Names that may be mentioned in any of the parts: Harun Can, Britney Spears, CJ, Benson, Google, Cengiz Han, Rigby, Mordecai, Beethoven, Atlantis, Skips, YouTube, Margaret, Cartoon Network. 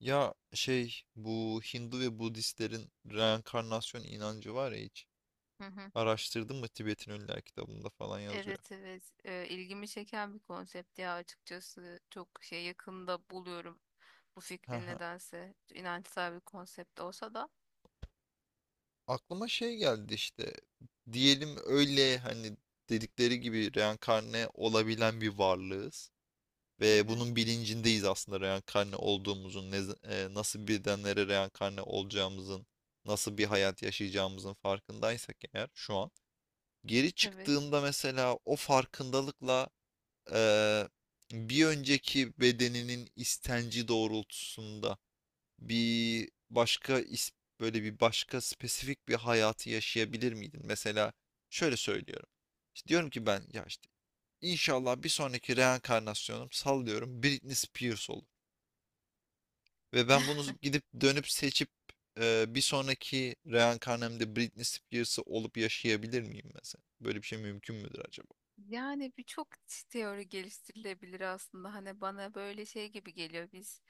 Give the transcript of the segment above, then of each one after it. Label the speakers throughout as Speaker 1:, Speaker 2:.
Speaker 1: Ya, bu Hindu ve Budistlerin reenkarnasyon inancı var ya hiç.
Speaker 2: Hı hı.
Speaker 1: Araştırdın mı? Tibet'in Ölüler kitabında falan yazıyor.
Speaker 2: Evet, evet. İlgimi çeken bir konsept, ya açıkçası çok şey, yakında buluyorum bu fikri,
Speaker 1: Haha.
Speaker 2: nedense inançsal bir konsept olsa da.
Speaker 1: Aklıma şey geldi işte. Diyelim öyle hani dedikleri gibi reenkarne olabilen bir varlığız.
Speaker 2: Hı
Speaker 1: Ve
Speaker 2: hı.
Speaker 1: bunun bilincindeyiz aslında reenkarne olduğumuzun, nasıl bedenlere reenkarne olacağımızın, nasıl bir hayat yaşayacağımızın farkındaysak eğer şu an. Geri
Speaker 2: Evet.
Speaker 1: çıktığında mesela o farkındalıkla eee, bir önceki bedeninin istenci doğrultusunda bir başka is- böyle bir başka spesifik bir hayatı yaşayabilir miydin? Mesela şöyle söylüyorum. İşte diyorum ki ben, ya işte inşallah bir sonraki reenkarnasyonum sallıyorum Britney Spears olur. Ve ben bunu gidip dönüp seçip bir sonraki reenkarnamda Britney Spears'ı olup yaşayabilir miyim mesela? Böyle bir şey mümkün müdür acaba?
Speaker 2: Yani birçok teori geliştirilebilir aslında. Hani bana böyle şey gibi geliyor. Biz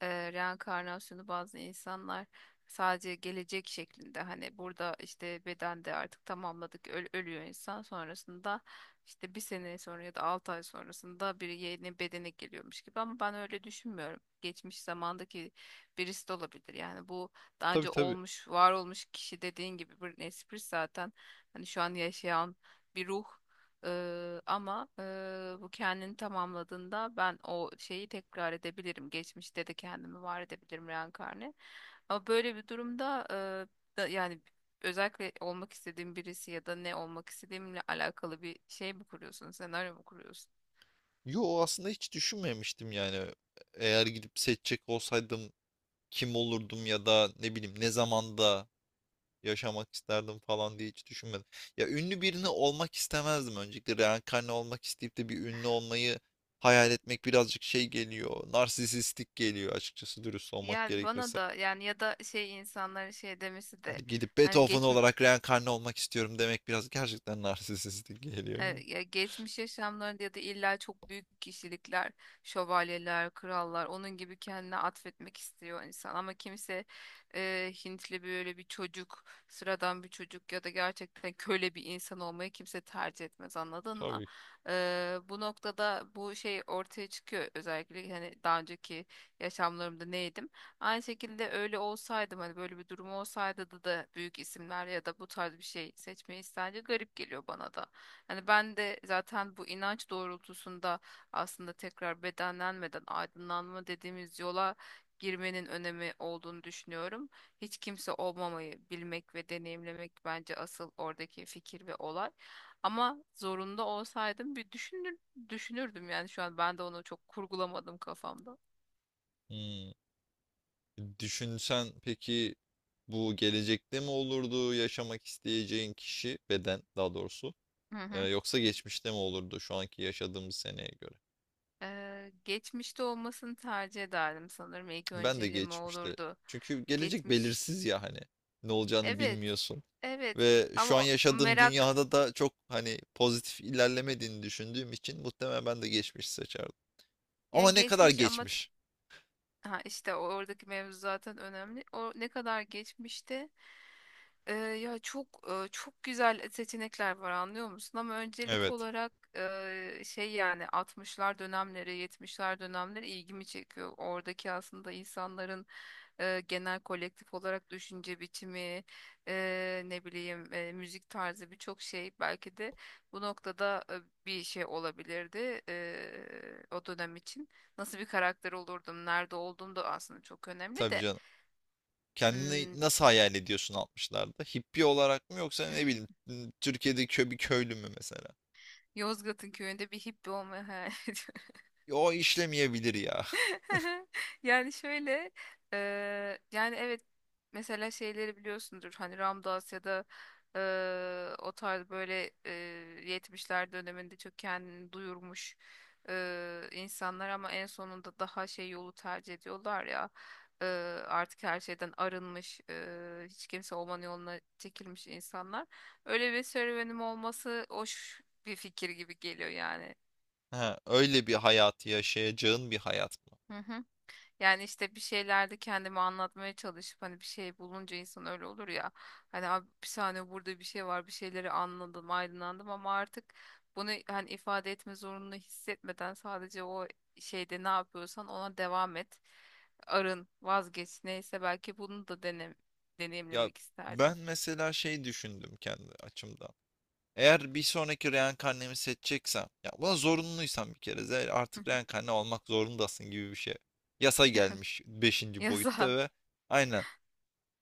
Speaker 2: reenkarnasyonu bazı insanlar sadece gelecek şeklinde, hani burada işte bedende artık tamamladık, ölüyor insan, sonrasında işte bir sene sonra ya da 6 ay sonrasında bir yeni bedene geliyormuş gibi, ama ben öyle düşünmüyorum. Geçmiş zamandaki birisi de olabilir. Yani bu daha
Speaker 1: Tabii,
Speaker 2: önce
Speaker 1: tabii.
Speaker 2: olmuş, var olmuş kişi dediğin gibi bir espri zaten. Hani şu an yaşayan bir ruh. Ama bu kendini tamamladığında ben o şeyi tekrar edebilirim. Geçmişte de kendimi var edebilirim reenkarni. Ama böyle bir durumda yani özellikle olmak istediğim birisi, ya da ne olmak istediğimle alakalı bir şey mi kuruyorsun, senaryo mu kuruyorsun?
Speaker 1: Yo, aslında hiç düşünmemiştim yani. Eğer gidip seçecek olsaydım kim olurdum ya da ne bileyim ne zamanda yaşamak isterdim falan diye hiç düşünmedim. Ya ünlü birini olmak istemezdim öncelikle. Reenkarne olmak isteyip de bir ünlü olmayı hayal etmek birazcık şey geliyor. Narsisistik geliyor açıkçası, dürüst olmak
Speaker 2: Yani bana
Speaker 1: gerekirse.
Speaker 2: da, yani ya da şey, insanların şey demesi de,
Speaker 1: Hani gidip
Speaker 2: hani
Speaker 1: Beethoven
Speaker 2: geç,
Speaker 1: olarak reenkarne olmak istiyorum demek biraz gerçekten narsisistik geliyor yani.
Speaker 2: Ya geçmiş yaşamlarında ya da illa çok büyük kişilikler, şövalyeler, krallar, onun gibi kendine atfetmek istiyor insan. Ama kimse Hintli böyle bir çocuk, sıradan bir çocuk ya da gerçekten köle bir insan olmayı kimse tercih etmez, anladın mı?
Speaker 1: Tabii ki.
Speaker 2: Bu noktada bu şey ortaya çıkıyor. Özellikle hani daha önceki yaşamlarımda neydim? Aynı şekilde öyle olsaydım, hani böyle bir durum olsaydı da büyük isimler ya da bu tarz bir şey seçmeyi isterdi, garip geliyor bana da. Hani ben de zaten bu inanç doğrultusunda aslında tekrar bedenlenmeden aydınlanma dediğimiz yola girmenin önemi olduğunu düşünüyorum. Hiç kimse olmamayı bilmek ve deneyimlemek bence asıl oradaki fikir ve olay. Ama zorunda olsaydım bir düşünür, düşünürdüm yani, şu an ben de onu çok kurgulamadım kafamda.
Speaker 1: Hmm. Düşünsen peki, bu gelecekte mi olurdu yaşamak isteyeceğin kişi, beden daha doğrusu,
Speaker 2: Hı
Speaker 1: e,
Speaker 2: hı.
Speaker 1: yoksa geçmişte mi olurdu şu anki yaşadığımız seneye göre?
Speaker 2: Geçmişte olmasını tercih ederdim sanırım. İlk
Speaker 1: Ben de
Speaker 2: önceliğim o
Speaker 1: geçmişte.
Speaker 2: olurdu.
Speaker 1: Çünkü gelecek
Speaker 2: Geçmiş
Speaker 1: belirsiz ya hani, ne olacağını
Speaker 2: Evet.
Speaker 1: bilmiyorsun.
Speaker 2: Evet.
Speaker 1: Ve şu an
Speaker 2: Ama o
Speaker 1: yaşadığım
Speaker 2: merak,
Speaker 1: dünyada da çok hani pozitif ilerlemediğini düşündüğüm için muhtemelen ben de geçmiş seçerdim. Ama
Speaker 2: yani
Speaker 1: ne kadar
Speaker 2: geçmiş ama,
Speaker 1: geçmiş?
Speaker 2: ha işte oradaki mevzu zaten önemli. O ne kadar geçmişte. Ya çok çok güzel seçenekler var, anlıyor musun? Ama öncelik
Speaker 1: Evet.
Speaker 2: olarak şey, yani 60'lar dönemleri, 70'ler dönemleri ilgimi çekiyor. Oradaki aslında insanların genel kolektif olarak düşünce biçimi, ne bileyim, müzik tarzı, birçok şey belki de bu noktada bir şey olabilirdi o dönem için. Nasıl bir karakter olurdum, nerede olduğum da aslında çok önemli
Speaker 1: Tabii
Speaker 2: de.
Speaker 1: canım. Kendini
Speaker 2: Hmm,
Speaker 1: nasıl hayal ediyorsun, altmışlarda Hippi olarak mı, yoksa ne bileyim Türkiye'deki kö bir köylü mü mesela?
Speaker 2: Yozgat'ın köyünde bir hippi olmayı hayal ediyorum.
Speaker 1: O işlemeyebilir ya.
Speaker 2: Yani şöyle, yani evet, mesela şeyleri biliyorsundur, hani Ramdas ya da o tarz böyle 70'ler döneminde çok kendini duyurmuş insanlar, ama en sonunda daha şey yolu tercih ediyorlar ya, eee, artık her şeyden arınmış, hiç kimse olmanın yoluna çekilmiş insanlar. Öyle bir serüvenim olması hoş bir fikir gibi geliyor yani.
Speaker 1: Ha, öyle bir hayatı yaşayacağın bir hayat mı?
Speaker 2: Hı hı. Yani işte bir şeylerde kendimi anlatmaya çalışıp, hani bir şey bulunca insan öyle olur ya. Hani abi, bir saniye, burada bir şey var, bir şeyleri anladım, aydınlandım, ama artık bunu hani ifade etme zorunluluğu hissetmeden sadece o şeyde ne yapıyorsan ona devam et. Arın, vazgeç, neyse, belki bunu da
Speaker 1: Ya
Speaker 2: deneyimlemek isterdim.
Speaker 1: ben mesela şey düşündüm kendi açımdan. Eğer bir sonraki reenkarnemi seçeceksem, ya buna zorunluysam, bir kere zaten artık reenkarne olmak zorundasın gibi bir şey. Yasa gelmiş beşinci
Speaker 2: Yaza.
Speaker 1: boyutta
Speaker 2: Hı.
Speaker 1: ve aynen,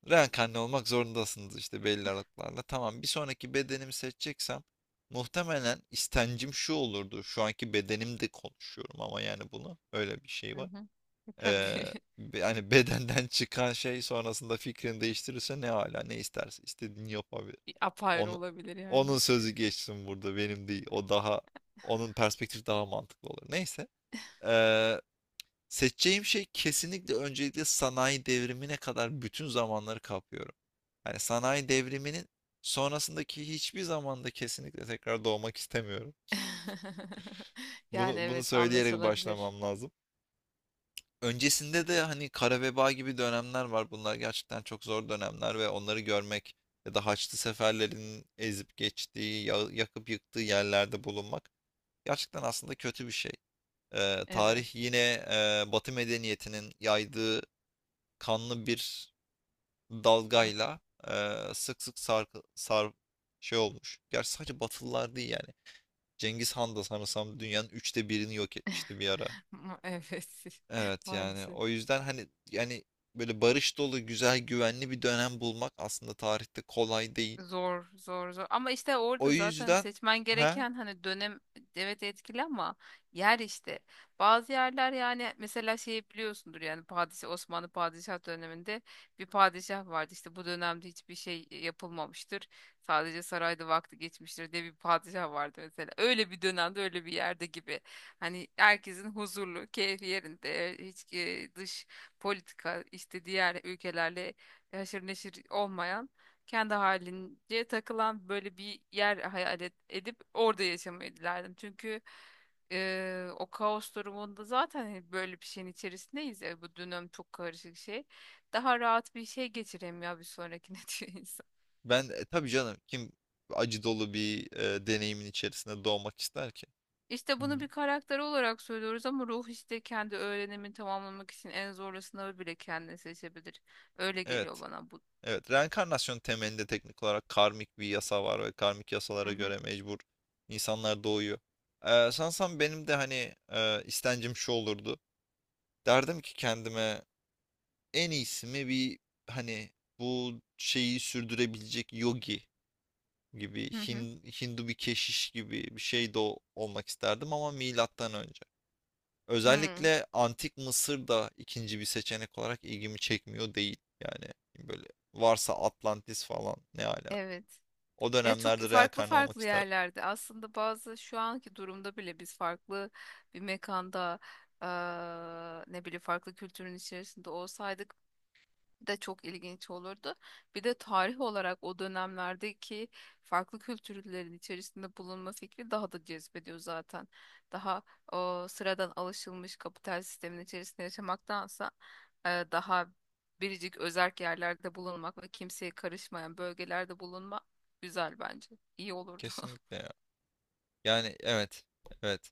Speaker 1: reenkarne olmak zorundasınız işte belli aralıklarla. Tamam, bir sonraki bedenimi seçeceksem muhtemelen istencim şu olurdu. Şu anki bedenimde konuşuyorum ama yani bunu, öyle bir şey var.
Speaker 2: Yasa. Hı. Hı. Tabii.
Speaker 1: Ee, yani bedenden çıkan şey sonrasında fikrini değiştirirse ne hala ne isterse istediğini yapabilir.
Speaker 2: Bir apayrı
Speaker 1: Onu,
Speaker 2: olabilir
Speaker 1: onun
Speaker 2: yani.
Speaker 1: sözü geçsin burada, benim değil. O, onun perspektifi daha mantıklı olur. Neyse. Ee, Seçeceğim şey kesinlikle, öncelikle sanayi devrimine kadar bütün zamanları kapıyorum. Yani sanayi devriminin sonrasındaki hiçbir zamanda kesinlikle tekrar doğmak istemiyorum.
Speaker 2: Yani
Speaker 1: Bunu
Speaker 2: evet,
Speaker 1: söyleyerek
Speaker 2: anlaşılabilir.
Speaker 1: başlamam lazım. Öncesinde de hani kara veba gibi dönemler var. Bunlar gerçekten çok zor dönemler ve onları görmek ya da Haçlı seferlerin ezip geçtiği, yakıp yıktığı yerlerde bulunmak gerçekten aslında kötü bir şey. Tarih
Speaker 2: Evet.
Speaker 1: yine, e, Batı medeniyetinin yaydığı kanlı bir dalgayla eee, sık sık sarkı- sar, şey olmuş. Gerçi sadece Batılılar değil yani. Cengiz Han da sanırsam dünyanın üçte birini yok etmişti bir ara.
Speaker 2: Evet.
Speaker 1: Evet, yani
Speaker 2: Maalesef.
Speaker 1: o yüzden hani yani böyle barış dolu güzel güvenli bir dönem bulmak aslında tarihte kolay değil.
Speaker 2: Zor, zor, zor. Ama işte
Speaker 1: O
Speaker 2: orada zaten
Speaker 1: yüzden
Speaker 2: seçmen
Speaker 1: ha,
Speaker 2: gereken hani dönem, evet, etkili ama yer işte. Bazı yerler, yani mesela şeyi biliyorsundur, yani padişah, Osmanlı padişah döneminde bir padişah vardı. İşte bu dönemde hiçbir şey yapılmamıştır. Sadece sarayda vakti geçmiştir diye bir padişah vardı mesela. Öyle bir dönemde, öyle bir yerde gibi. Hani herkesin huzurlu, keyfi yerinde, hiç dış politika işte diğer ülkelerle haşır neşir olmayan, kendi halince takılan böyle bir yer hayal edip orada yaşamayı dilerdim. Çünkü o kaos durumunda zaten hani böyle bir şeyin içerisindeyiz ya, bu dönem çok karışık şey. Daha rahat bir şey geçireyim ya bir sonrakine, diyor insan.
Speaker 1: ben tabii canım, kim acı dolu bir, e, deneyimin içerisinde doğmak ister ki?
Speaker 2: İşte
Speaker 1: Hmm.
Speaker 2: bunu bir karakter olarak söylüyoruz, ama ruh işte kendi öğrenimini tamamlamak için en zorlu sınavı bile kendine seçebilir. Öyle geliyor
Speaker 1: Evet.
Speaker 2: bana bu.
Speaker 1: Evet, reenkarnasyon temelinde teknik olarak karmik bir yasa var ve karmik
Speaker 2: Hı
Speaker 1: yasalara
Speaker 2: hı.
Speaker 1: göre mecbur insanlar doğuyor. Sansam benim de hani, e, istencim şu olurdu. Derdim ki kendime en iyisi mi bir hani bu şeyi sürdürebilecek yogi gibi
Speaker 2: Hı hı.
Speaker 1: Hindu bir keşiş gibi bir şey de olmak isterdim ama milattan önce.
Speaker 2: Hı.
Speaker 1: Özellikle antik Mısır da ikinci bir seçenek olarak ilgimi çekmiyor değil. Yani böyle varsa Atlantis falan ne ala.
Speaker 2: Evet.
Speaker 1: O
Speaker 2: Ya çok
Speaker 1: dönemlerde
Speaker 2: farklı
Speaker 1: reenkarne olmak
Speaker 2: farklı
Speaker 1: isterdim.
Speaker 2: yerlerde aslında, bazı şu anki durumda bile biz farklı bir mekanda, ne bileyim, farklı kültürün içerisinde olsaydık de çok ilginç olurdu. Bir de tarih olarak o dönemlerdeki farklı kültürlerin içerisinde bulunma fikri daha da cezbediyor zaten. Daha o sıradan alışılmış kapital sistemin içerisinde yaşamaktansa daha biricik özerk yerlerde bulunmak ve kimseye karışmayan bölgelerde bulunmak güzel bence. İyi olurdu.
Speaker 1: Kesinlikle ya. Yani evet. Evet.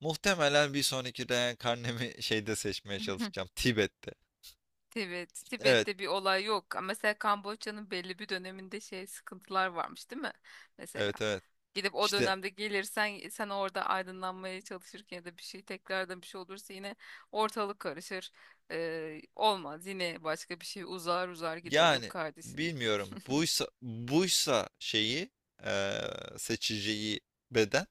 Speaker 1: Muhtemelen bir sonraki reenkarnemi şeyde seçmeye çalışacağım. Tibet'te.
Speaker 2: Tibet,
Speaker 1: Evet.
Speaker 2: Tibet'te bir olay yok. Ama mesela Kamboçya'nın belli bir döneminde şey, sıkıntılar varmış, değil mi? Mesela
Speaker 1: Evet, evet.
Speaker 2: gidip o
Speaker 1: İşte
Speaker 2: dönemde gelirsen, sen orada aydınlanmaya çalışırken ya da bir şey, tekrardan bir şey olursa yine ortalık karışır. Olmaz, yine başka bir şey uzar uzar gider. Yok
Speaker 1: yani
Speaker 2: kardeşim.
Speaker 1: bilmiyorum. Buysa şeyi, eee, seçeceği beden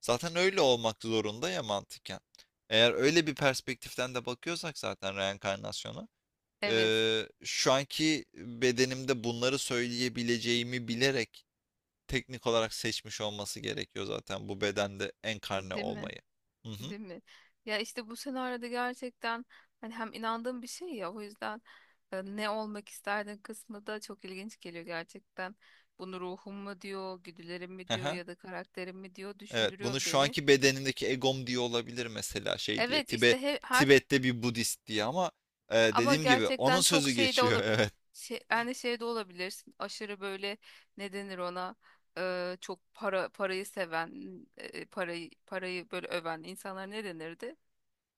Speaker 1: zaten öyle olmak zorunda ya mantıken. Eğer öyle bir perspektiften de bakıyorsak zaten reenkarnasyona,
Speaker 2: Evet,
Speaker 1: şu anki bedenimde bunları söyleyebileceğimi bilerek teknik olarak seçmiş olması gerekiyor zaten bu bedende enkarne
Speaker 2: değil mi?
Speaker 1: olmayı. Hı hı.
Speaker 2: Değil mi? Ya işte bu senaryoda gerçekten hani hem inandığım bir şey ya, o yüzden ne olmak isterdin kısmı da çok ilginç geliyor gerçekten. Bunu ruhum mu diyor, güdülerim mi
Speaker 1: Hı
Speaker 2: diyor
Speaker 1: hı.
Speaker 2: ya da karakterim mi diyor,
Speaker 1: Evet, bunu
Speaker 2: düşündürüyor
Speaker 1: şu
Speaker 2: beni.
Speaker 1: anki bedenindeki egom diye olabilir mesela, şey diye.
Speaker 2: Evet işte her,
Speaker 1: Tibet'te bir Budist diye ama
Speaker 2: ama
Speaker 1: dediğim gibi onun
Speaker 2: gerçekten çok
Speaker 1: sözü
Speaker 2: şey de
Speaker 1: geçiyor.
Speaker 2: olabilir.
Speaker 1: Evet.
Speaker 2: Şey, yani şey de olabilirsin. Aşırı böyle, ne denir ona? Çok parayı seven, parayı böyle öven insanlar ne denirdi?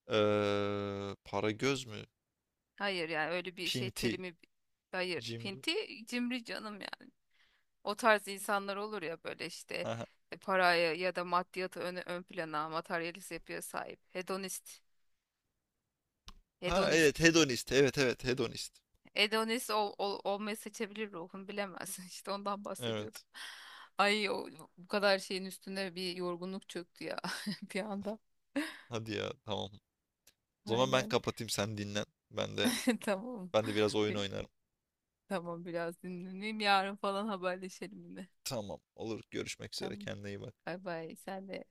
Speaker 1: Para göz mü?
Speaker 2: Hayır, yani öyle bir şey
Speaker 1: Pinti,
Speaker 2: terimi, hayır.
Speaker 1: cimri.
Speaker 2: Pinti, cimri canım yani. O tarz insanlar olur ya böyle işte,
Speaker 1: Hı hı.
Speaker 2: paraya ya da maddiyatı ön plana, materyalist yapıya sahip. Hedonist.
Speaker 1: Ha evet,
Speaker 2: Hedonist.
Speaker 1: hedonist. Evet, evet, hedonist.
Speaker 2: Hedonist olmayı seçebilir, ruhun bilemez. İşte ondan bahsediyordum.
Speaker 1: Evet.
Speaker 2: Ay o, bu kadar şeyin üstüne bir yorgunluk çöktü ya, bir anda.
Speaker 1: Hadi ya, tamam. O zaman ben
Speaker 2: Aynen.
Speaker 1: kapatayım, sen dinlen. Ben de,
Speaker 2: Tamam.
Speaker 1: ben de biraz oyun
Speaker 2: Bir-
Speaker 1: oynarım.
Speaker 2: tamam, biraz dinleneyim. Yarın falan haberleşelim yine.
Speaker 1: Tamam, olur, görüşmek üzere,
Speaker 2: Tamam.
Speaker 1: kendine iyi bak.
Speaker 2: Bay bay. Sen de